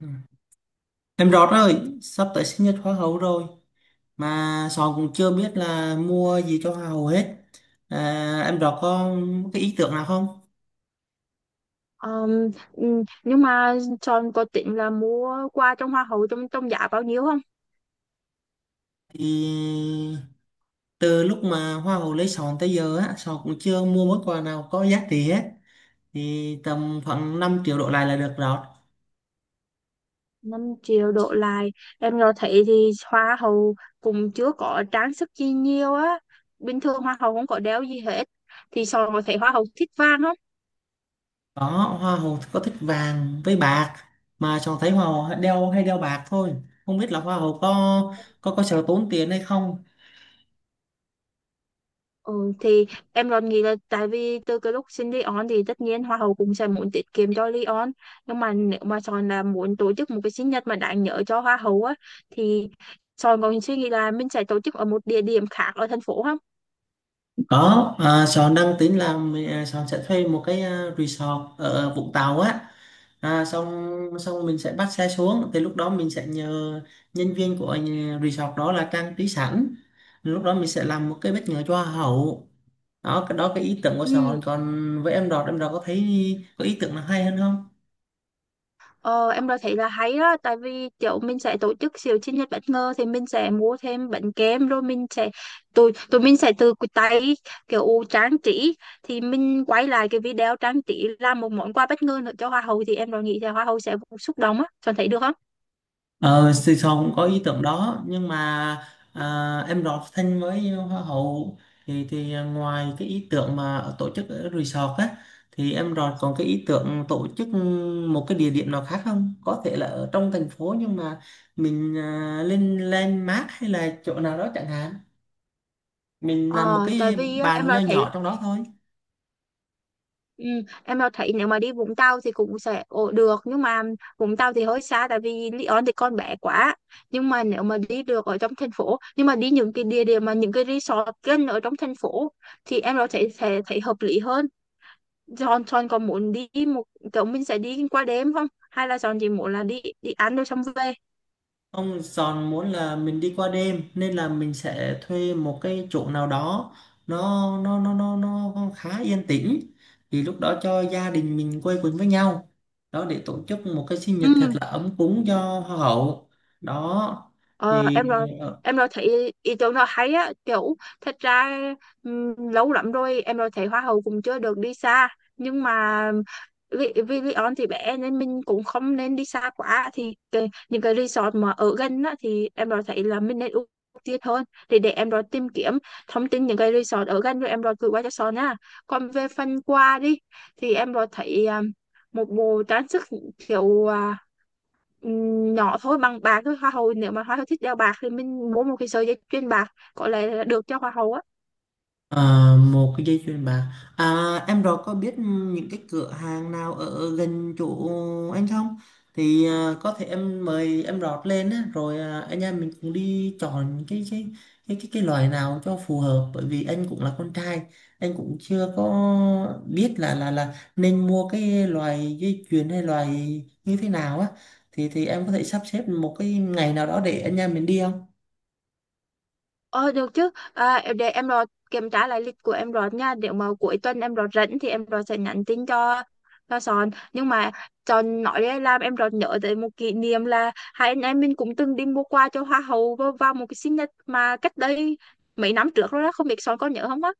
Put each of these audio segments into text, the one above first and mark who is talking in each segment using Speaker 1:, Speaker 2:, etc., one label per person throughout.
Speaker 1: Ừ. Em Rọt ơi, sắp tới sinh nhật hoa hậu rồi mà Sòn cũng chưa biết là mua gì cho hoa hậu hết. À, em Rọt có cái ý tưởng nào không?
Speaker 2: Ờm, nhưng mà Son có tính là mua quà trong hoa hậu trong trong giá bao nhiêu không?
Speaker 1: Thì từ lúc mà hoa hậu lấy Sòn tới giờ á, Sòn cũng chưa mua món quà nào có giá trị hết. Thì tầm khoảng 5 triệu đổ lại là được Rọt.
Speaker 2: 5 triệu đổ lại. Em nó thấy thì hoa hậu cũng chưa có trang sức gì nhiều á. Bình thường hoa hậu không có đeo gì hết. Thì Son có thấy hoa hậu thích vàng không?
Speaker 1: Đó, hoa hậu có thích vàng với bạc mà Sòn thấy hoa hậu đeo hay đeo bạc thôi. Không biết là hoa hậu có sợ tốn tiền hay không?
Speaker 2: Ừ, thì em còn nghĩ là tại vì từ cái lúc xin Leon thì tất nhiên Hoa hậu cũng sẽ muốn tiết kiệm cho Leon, nhưng mà nếu mà Sòn là muốn tổ chức một cái sinh nhật mà đáng nhớ cho Hoa hậu á thì Sòn còn suy nghĩ là mình sẽ tổ chức ở một địa điểm khác ở thành phố không?
Speaker 1: Có, Sơn đang tính làm, Sơn sẽ thuê một cái resort ở Vũng Tàu á. Xong xong mình sẽ bắt xe xuống, thì lúc đó mình sẽ nhờ nhân viên của resort đó là trang trí sẵn. Lúc đó mình sẽ làm một cái bất ngờ cho hoa hậu. Đó cái ý tưởng của
Speaker 2: Ừ.
Speaker 1: Sơn, còn với em Đọt có thấy có ý tưởng nào hay hơn không?
Speaker 2: Ờ, em đã thấy là hay đó tại vì kiểu mình sẽ tổ chức siêu sinh nhật bất ngờ thì mình sẽ mua thêm bánh kem rồi mình sẽ tụi tụi mình sẽ tự tay kiểu trang trí thì mình quay lại cái video trang trí làm một món quà bất ngờ nữa cho hoa hậu thì em đã nghĩ là hoa hậu sẽ xúc động á. Cho thấy được không?
Speaker 1: Ờ, thì Sòn có ý tưởng đó nhưng mà em đọt Thanh với Hoa hậu, thì ngoài cái ý tưởng mà tổ chức ở resort á, thì em đọt còn cái ý tưởng tổ chức một cái địa điểm nào khác không? Có thể là ở trong thành phố nhưng mà mình lên landmark hay là chỗ nào đó chẳng hạn, mình làm một
Speaker 2: Ờ, Tại
Speaker 1: cái
Speaker 2: vì á, em
Speaker 1: bàn nho
Speaker 2: đã thấy.
Speaker 1: nhỏ trong đó thôi.
Speaker 2: Ừ, em mà thấy nếu mà đi Vũng Tàu thì cũng sẽ ổ được nhưng mà Vũng Tàu thì hơi xa tại vì Lý Sơn thì con bé quá, nhưng mà nếu mà đi được ở trong thành phố nhưng mà đi những cái địa điểm mà những cái resort gần ở trong thành phố thì em có thể sẽ thấy hợp lý hơn. John John có muốn đi một kiểu mình sẽ đi qua đêm không, hay là John chỉ muốn là đi đi ăn rồi xong về?
Speaker 1: Ông Giòn muốn là mình đi qua đêm nên là mình sẽ thuê một cái chỗ nào đó nó khá yên tĩnh, thì lúc đó cho gia đình mình quây quần với nhau, đó để tổ chức một cái sinh
Speaker 2: Ừ.
Speaker 1: nhật thật là ấm cúng cho hoa hậu. Đó
Speaker 2: Ờ,
Speaker 1: thì
Speaker 2: em rồi
Speaker 1: ờ,
Speaker 2: em rồi thấy ý ý tưởng nó hay á, kiểu thật ra lâu lắm rồi em rồi thấy hoa hậu cũng chưa được đi xa, nhưng mà vì vì Leon thì bé nên mình cũng không nên đi xa quá, thì cái, những cái resort mà ở gần á thì em rồi thấy là mình nên ưu tiên hơn, thì để em rồi tìm kiếm thông tin những cái resort ở gần rồi em rồi gửi qua cho Son á. Còn về phần quà đi thì em rồi thấy một bộ trang sức kiểu nhỏ thôi, bằng bạc thôi, hoa hậu nếu mà hoa hậu thích đeo bạc thì mình mua một cái sợi dây chuyền bạc có lẽ là được cho hoa hậu á.
Speaker 1: ờ, một cái dây chuyền bạc, em rồi có biết những cái cửa hàng nào ở gần chỗ anh không? Thì có thể em mời em rót lên á, rồi anh em mình cùng đi chọn cái loại nào cho phù hợp, bởi vì anh cũng là con trai, anh cũng chưa có biết là nên mua cái loại dây chuyền hay loại như thế nào á, thì em có thể sắp xếp một cái ngày nào đó để anh em mình đi không?
Speaker 2: Ờ Được chứ. Để em rồi kiểm tra lại lịch của em rồi nha, nếu mà cuối tuần em rồi rảnh thì em rồi sẽ nhắn tin cho Sòn, nhưng mà Sòn nói đấy làm em rồi nhớ tới một kỷ niệm là hai anh em mình cũng từng đi mua quà cho hoa hậu vào vào một cái sinh nhật mà cách đây mấy năm trước rồi đó, không biết Sòn có nhớ không á?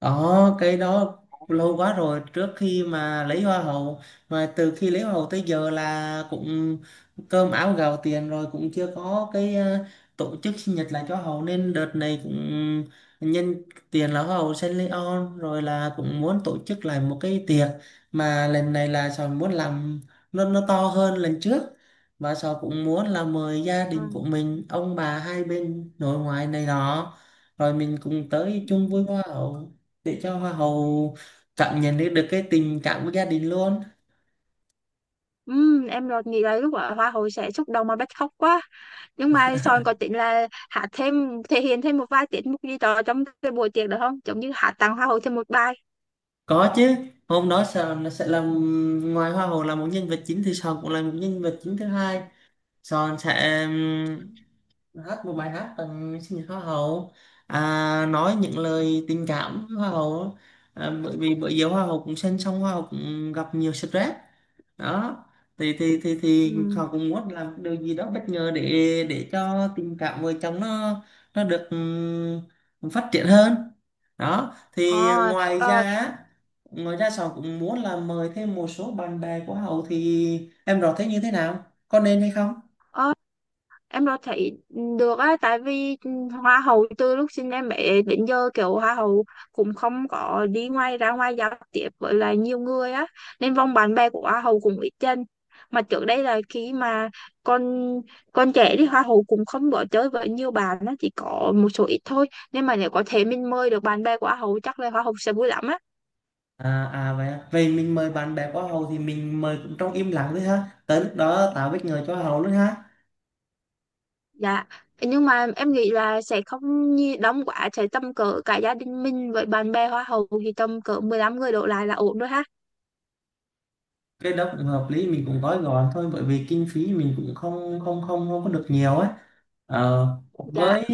Speaker 1: Đó, cái đó lâu quá rồi, trước khi mà lấy hoa hậu, mà từ khi lấy hoa hậu tới giờ là cũng cơm áo gạo tiền rồi cũng chưa có cái tổ chức sinh nhật lại cho hậu, nên đợt này cũng nhân tiền là hoa hậu Saint Leon rồi là cũng muốn tổ chức lại một cái tiệc, mà lần này là Sòn muốn làm nó to hơn lần trước, và Sòn cũng muốn là mời gia
Speaker 2: Ừ.
Speaker 1: đình của mình ông bà hai bên nội ngoại này đó, rồi mình cùng tới
Speaker 2: Ừ.
Speaker 1: chung vui hoa hậu, để cho hoa hậu cảm nhận được, được cái tình cảm của gia đình luôn.
Speaker 2: Em đột nghĩ là lúc ở Hoa hậu sẽ xúc động mà bật khóc quá, nhưng mà sòn có tính là hát thêm, thể hiện thêm một vài tiết mục gì đó trong cái buổi tiệc được không, giống như hát tặng Hoa hậu thêm một bài?
Speaker 1: Có chứ, hôm đó sòn nó sẽ làm, ngoài hoa hậu là một nhân vật chính thì Sòn cũng là một nhân vật chính thứ hai. Sòn sẽ hát một bài hát tặng sinh nhật hoa hậu, nói những lời tình cảm với hoa hậu, bởi vì bởi giờ hoa hậu cũng sinh xong, hoa hậu cũng gặp nhiều stress đó, thì
Speaker 2: Ừm.
Speaker 1: họ cũng muốn làm điều gì đó bất ngờ để cho tình cảm vợ chồng nó được phát triển hơn. Đó thì
Speaker 2: À,
Speaker 1: ngoài ra
Speaker 2: rồi
Speaker 1: á, ngoài ra họ cũng muốn là mời thêm một số bạn bè của Hậu, thì em rõ thế như thế nào, có nên hay không?
Speaker 2: em đâu thấy được á, tại vì hoa hậu từ lúc sinh em bé đến giờ kiểu hoa hậu cũng không có đi ngoài, ra ngoài giao tiếp với lại nhiều người á, nên vòng bạn bè của hoa hậu cũng ít dần, mà trước đây là khi mà con con trẻ đi hoa hậu cũng không có chơi với nhiều bạn á, chỉ có một số ít thôi, nên mà nếu có thể mình mời được bạn bè của hoa hậu chắc là hoa hậu sẽ vui lắm á.
Speaker 1: Vậy à. Vậy mình mời bạn bè của Hậu thì mình mời cũng trong im lặng thôi ha, tới lúc đó tạo bất ngờ cho Hậu luôn ha.
Speaker 2: Dạ, nhưng mà em nghĩ là sẽ không nhi đông quá, sẽ tầm cỡ cả gia đình mình với bạn bè hoa hậu thì tầm cỡ 15 người đổ lại là ổn rồi ha.
Speaker 1: Cái đó cũng hợp lý, mình cũng gói gọn thôi, bởi vì kinh phí mình cũng không không không không có được nhiều ấy. Ờ,
Speaker 2: Dạ.
Speaker 1: với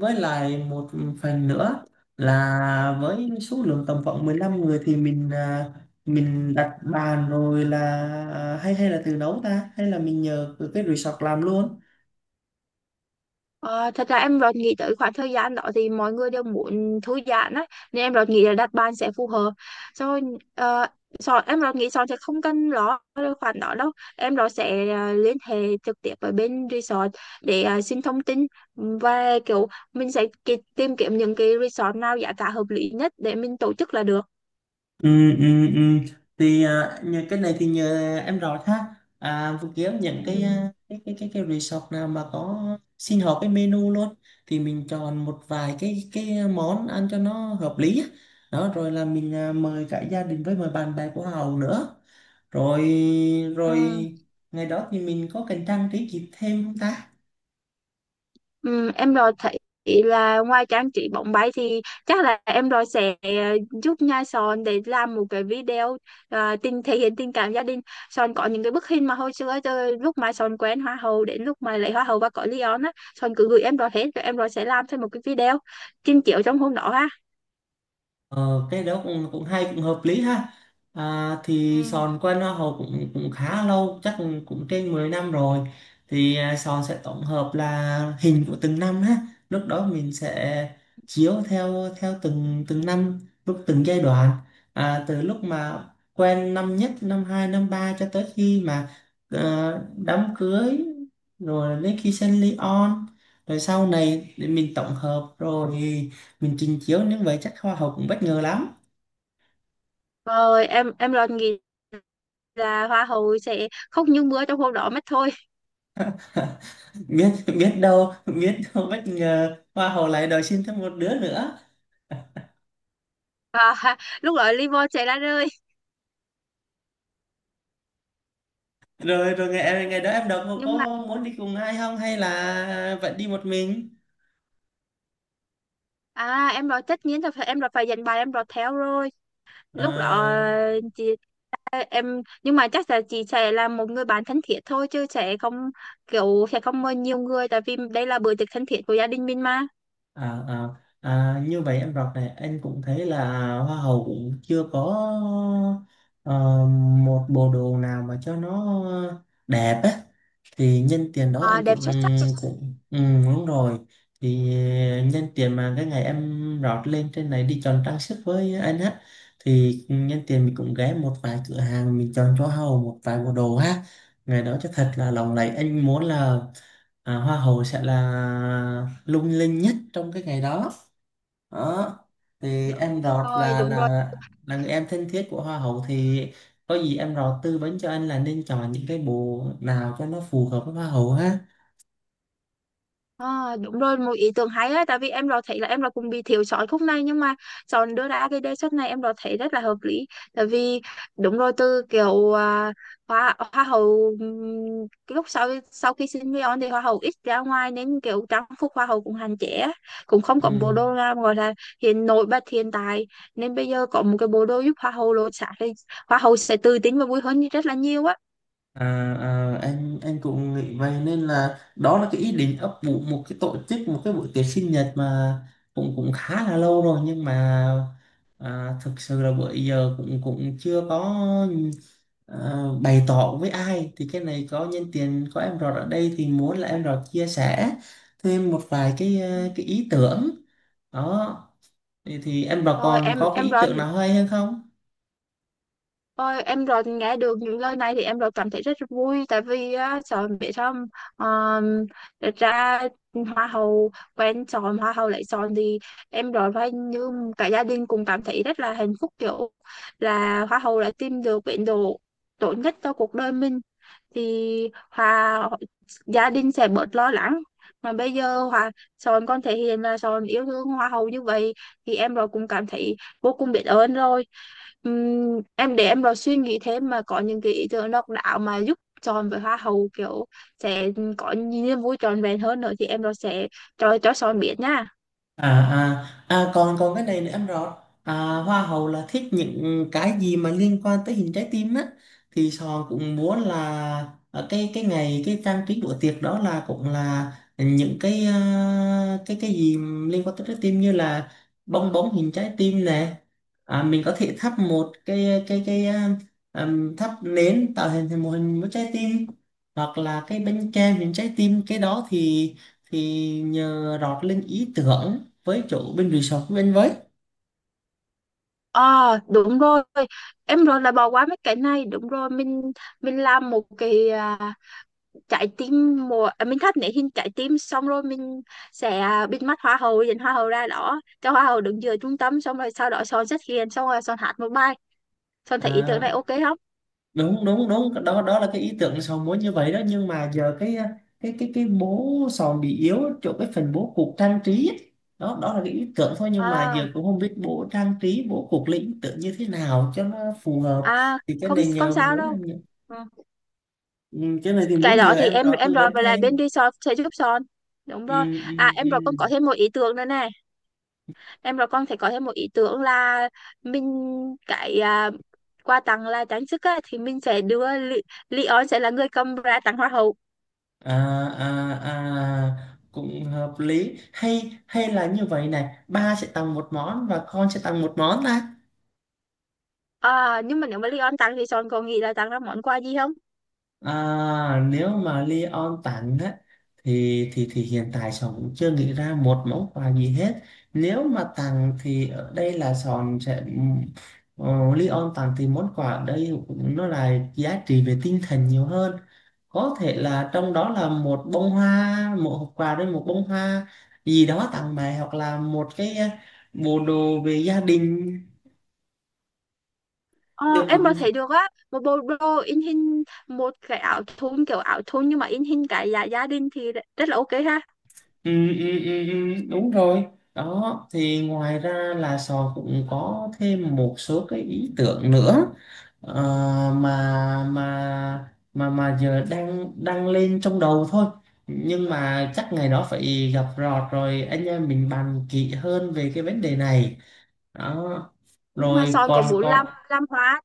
Speaker 1: với lại một phần nữa là với số lượng tầm khoảng 15 người thì mình mình đặt bàn rồi là hay hay là tự nấu ta, hay là mình nhờ cái resort làm luôn.
Speaker 2: Ờ, Thật ra em rồi nghĩ tới khoảng thời gian đó thì mọi người đều muốn thư giãn á, nên em rồi nghĩ là đặt bàn sẽ phù hợp. Rồi. ờ, em rồi nghĩ Sòn sẽ không cần lo về khoản đó đâu. Em rồi sẽ liên hệ trực tiếp với bên resort để xin thông tin, và kiểu mình sẽ tìm kiếm những cái resort nào giá cả hợp lý nhất để mình tổ chức là được.
Speaker 1: Ừ, ừ, ừ. Thì nhờ cái này thì nhờ em rõ ha, vừa kiếm những cái
Speaker 2: Ừ,
Speaker 1: cái resort nào mà có xin họ cái menu luôn, thì mình chọn một vài cái món ăn cho nó hợp lý á. Đó rồi là mình mời cả gia đình với mời bạn bè của Hậu nữa, rồi rồi
Speaker 2: ừ,
Speaker 1: ngày đó thì mình có cần trang trí gì thêm không ta?
Speaker 2: ừ, em rồi thấy là ngoài trang trí bóng bay thì chắc là em rồi sẽ giúp nha Sòn để làm một cái video tình, thể hiện tình cảm gia đình. Sòn có những cái bức hình mà hồi xưa từ lúc mà Sòn quen hoa hậu đến lúc mà lấy hoa hậu và có Leon á, Sòn cứ gửi em rồi hết rồi em rồi sẽ làm thêm một cái video trình chiếu trong hôm đó ha.
Speaker 1: Ờ, cái đó cũng cũng hay, cũng hợp lý ha. À, thì
Speaker 2: Ừ.
Speaker 1: Sòn quen Hoa Hậu cũng cũng khá lâu, chắc cũng, cũng trên 10 năm rồi. Thì Sòn sẽ tổng hợp là hình của từng năm ha, lúc đó mình sẽ chiếu theo theo từng từng năm, lúc từng giai đoạn, từ lúc mà quen năm nhất, năm hai, năm ba, cho tới khi mà đám cưới, rồi đến khi sinh ly on, rồi sau này để mình tổng hợp rồi mình trình chiếu, nhưng vậy chắc hoa hậu cũng bất ngờ lắm.
Speaker 2: Rồi em rồi nghĩ là hoa hậu sẽ khóc như mưa trong hôm đó mất thôi.
Speaker 1: Biết biết đâu biết đâu bất ngờ hoa hậu lại đòi xin thêm một đứa nữa.
Speaker 2: Và lúc đó Livon sẽ ra rơi,
Speaker 1: Rồi rồi Ngày ngày đó em đọc có
Speaker 2: nhưng mà.
Speaker 1: muốn đi cùng ai không, hay là vẫn đi một mình?
Speaker 2: Em rồi tất nhiên là phải, em rồi phải dành bài, em rồi theo rồi. Lúc đó
Speaker 1: à,
Speaker 2: chị em, nhưng mà chắc là chị sẽ là một người bạn thân thiết thôi, chứ sẽ không, kiểu sẽ không mời nhiều người, tại vì đây là bữa tiệc thân thiết của gia đình mình mà.
Speaker 1: à, à, À, như vậy em đọc này, anh cũng thấy là hoa hậu cũng chưa có ờ, một bộ đồ nào mà cho nó đẹp á, thì nhân tiền đó anh
Speaker 2: Đẹp
Speaker 1: cũng
Speaker 2: xuất sắc luôn.
Speaker 1: cũng đúng rồi. Thì nhân tiền mà cái ngày em rót lên trên này đi chọn trang sức với anh á, thì nhân tiền mình cũng ghé một vài cửa hàng mình chọn cho hầu một vài bộ đồ ha. Ngày đó cho thật là lộng lẫy, anh muốn là hoa hậu sẽ là lung linh nhất trong cái ngày đó. Đó thì
Speaker 2: Được
Speaker 1: em Rọt
Speaker 2: rồi, đúng rồi.
Speaker 1: là người em thân thiết của hoa hậu, thì có gì em Rọt tư vấn cho anh là nên chọn những cái bộ nào cho nó phù hợp với hoa hậu ha.
Speaker 2: À, đúng rồi, một ý tưởng hay á, tại vì em đó thấy là em đó cũng bị thiếu sót khúc này, nhưng mà chọn đưa ra cái đề xuất này em đó thấy rất là hợp lý, tại vì đúng rồi, từ kiểu hoa hoa hậu cái lúc sau sau khi sinh viên thì hoa hậu ít ra ngoài nên kiểu trang phục hoa hậu cũng hạn chế á. Cũng không có
Speaker 1: Ừ.
Speaker 2: bộ đồ nào gọi là hiện, nổi bật hiện tại, nên bây giờ có một cái bộ đồ giúp hoa hậu lột xác thì hoa hậu sẽ tự tin và vui hơn rất là nhiều á.
Speaker 1: à, anh cũng nghĩ vậy, nên là đó là cái ý định ấp ủ một cái tổ chức một cái buổi tiệc sinh nhật mà cũng cũng khá là lâu rồi, nhưng mà À, thực sự là bữa giờ cũng cũng chưa có à, bày tỏ với ai, thì cái này có nhân tiện có em Rọt ở đây thì muốn là em Rọt chia sẻ thêm một vài cái
Speaker 2: Ừ.
Speaker 1: cái ý tưởng. Đó thì em Rọt
Speaker 2: Rồi
Speaker 1: còn
Speaker 2: em
Speaker 1: có cái
Speaker 2: em
Speaker 1: ý
Speaker 2: rồi.
Speaker 1: tưởng nào hay hơn không?
Speaker 2: Ôi, em rồi nghe được những lời này thì em rồi cảm thấy rất vui, tại vì á, sợ biết không, um, ra hoa hậu quen chọn, hoa hậu lại chọn thì em rồi phải như cả gia đình cùng cảm thấy rất là hạnh phúc, kiểu là hoa hậu đã tìm được bến đỗ tốt nhất cho cuộc đời mình, thì hòa gia đình sẽ bớt lo lắng, mà bây giờ hòa Sòn con thể hiện là Sòn yêu thương hoa hậu như vậy thì em rồi cũng cảm thấy vô cùng biết ơn rồi. Em để em vào suy nghĩ thêm mà có những cái ý tưởng độc đáo mà giúp chọn với hoa hậu, kiểu sẽ có niềm vui trọn vẹn hơn nữa, thì em rồi sẽ cho Son biết nha.
Speaker 1: Còn còn cái này nữa em rõ, à, hoa hậu là thích những cái gì mà liên quan tới hình trái tim á, thì Sòn cũng muốn là ở cái ngày cái trang trí bữa tiệc đó là cũng là những cái cái gì liên quan tới trái tim, như là bong bóng hình trái tim nè, mình có thể thắp một cái thắp nến tạo hình thành một hình một trái tim, hoặc là cái bánh kem hình trái tim. Cái đó thì nhờ rót lên ý tưởng với chủ bên resort của bên với.
Speaker 2: Ờ Đúng rồi, em rồi là bỏ qua mấy cái này, đúng rồi mình làm một cái trái tim mùa mình thắt nét hình trái tim xong rồi mình sẽ bịt mắt hoa hậu dẫn hoa hậu ra đó cho hoa hậu đứng giữa trung tâm, xong rồi sau đó Son xuất hiện, xong rồi Son hát một bài. Son thấy ý
Speaker 1: À,
Speaker 2: tưởng này ok không?
Speaker 1: đúng đúng đúng đó, đó là cái ý tưởng Sòn muốn như vậy đó, nhưng mà giờ cái bố Sòn bị yếu chỗ cái phần bố cục trang trí ấy. Đó đó là cái ý tưởng thôi, nhưng mà
Speaker 2: À
Speaker 1: giờ cũng không biết bố trang trí bố cục lấy ý tưởng như thế nào cho nó phù hợp,
Speaker 2: à,
Speaker 1: thì cái
Speaker 2: không
Speaker 1: này
Speaker 2: không
Speaker 1: nhờ
Speaker 2: sao
Speaker 1: muốn
Speaker 2: đâu. Ừ.
Speaker 1: ừ, cái này thì muốn
Speaker 2: Cái
Speaker 1: nhờ
Speaker 2: đó thì
Speaker 1: em
Speaker 2: em
Speaker 1: đó
Speaker 2: em
Speaker 1: tư
Speaker 2: rồi
Speaker 1: vấn
Speaker 2: với lại bên
Speaker 1: thêm.
Speaker 2: resort sẽ giúp son, đúng
Speaker 1: ừ,
Speaker 2: rồi.
Speaker 1: ừ,
Speaker 2: Em rồi
Speaker 1: ừ.
Speaker 2: con có thêm một ý tưởng nữa này. Em rồi con phải có thêm một ý tưởng là mình cái quà tặng là trang sức á, thì mình sẽ đưa Leon sẽ là người cầm ra tặng hoa hậu.
Speaker 1: à à À, cũng hợp lý, hay hay là như vậy này, ba sẽ tặng một món và con sẽ tặng một món ta.
Speaker 2: Nhưng mà nếu mà Leon tặng thì son còn nghĩ là tặng ra món quà gì không?
Speaker 1: À, nếu mà Leon tản á, thì hiện tại Sòn cũng chưa nghĩ ra một món quà gì hết. Nếu mà tặng thì ở đây là Sòn sẽ Leon tặng thì món quà ở đây cũng nó là giá trị về tinh thần nhiều hơn. Có thể là trong đó là một bông hoa, một hộp quà đấy, một bông hoa gì đó tặng mẹ, hoặc là một cái bộ đồ về gia đình.
Speaker 2: Ờ,
Speaker 1: Được.
Speaker 2: em mà thấy được á, một bộ đồ in hình, một cái áo thun, kiểu áo thun nhưng mà in hình cái gia gia đình thì rất là ok ha.
Speaker 1: Ừ, đúng rồi. Đó thì ngoài ra là Sò cũng có thêm một số cái ý tưởng nữa, ờ, mà giờ đang đang lên trong đầu thôi, nhưng mà chắc ngày đó phải gặp Rọt rồi anh em mình bàn kỹ hơn về cái vấn đề này. Đó
Speaker 2: Nhưng mà
Speaker 1: rồi
Speaker 2: son có
Speaker 1: còn
Speaker 2: muốn làm
Speaker 1: còn
Speaker 2: làm hoa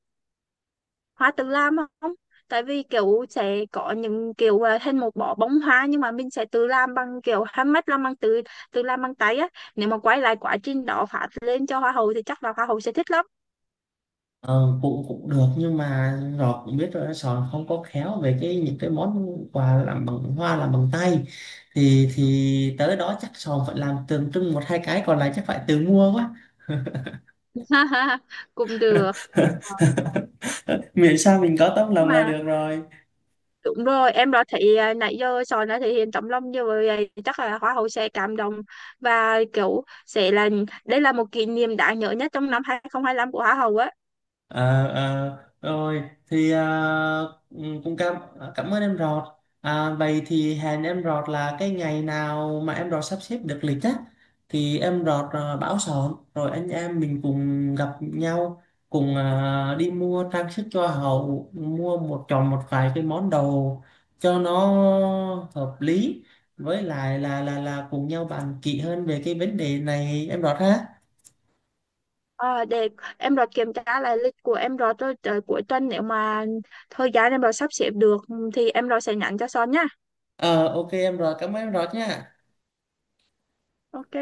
Speaker 2: hoa tự làm không, tại vì kiểu sẽ có những kiểu thành một bó bông hoa, nhưng mà mình sẽ tự làm bằng kiểu handmade, làm bằng tự tự làm bằng tay á, nếu mà quay lại quá trình đó phát lên cho hoa hậu thì chắc là hoa hậu sẽ thích lắm.
Speaker 1: Ờ, cũng cũng được, nhưng mà Ngọc cũng biết rồi đó, Sòn không có khéo về cái những cái món quà làm bằng hoa làm bằng tay, thì tới đó chắc Sòn phải làm tượng trưng một hai cái, còn lại chắc phải tự mua quá.
Speaker 2: cũng được. Ờ,
Speaker 1: Miễn sao mình có tấm
Speaker 2: nhưng
Speaker 1: lòng là
Speaker 2: mà
Speaker 1: được rồi.
Speaker 2: đúng rồi em đã thấy nãy giờ Sòn đã thể hiện tấm lòng như vậy chắc là Hoa hậu sẽ cảm động, và kiểu sẽ là đây là một kỷ niệm đáng nhớ nhất trong năm 2025 của Hoa hậu á.
Speaker 1: Ờ, ờ, rồi thì ừ, cũng cảm cảm ơn em Rọt. À, vậy thì hẹn em Rọt là cái ngày nào mà em Rọt sắp xếp được lịch á, thì em Rọt báo sòn rồi anh em mình cùng gặp nhau, cùng đi mua trang sức cho hậu, mua một chọn một vài cái món đồ cho nó hợp lý, với lại là cùng nhau bàn kỹ hơn về cái vấn đề này em Rọt ha.
Speaker 2: Ờ, để em rồi kiểm tra lại lịch của em Rọt rồi tôi tới cuối tuần, nếu mà thời gian em rồi sắp xếp được thì em rồi sẽ nhắn cho Son nhá.
Speaker 1: Ờ, ok em Rọt, cảm ơn em Rọt nha.
Speaker 2: Ok.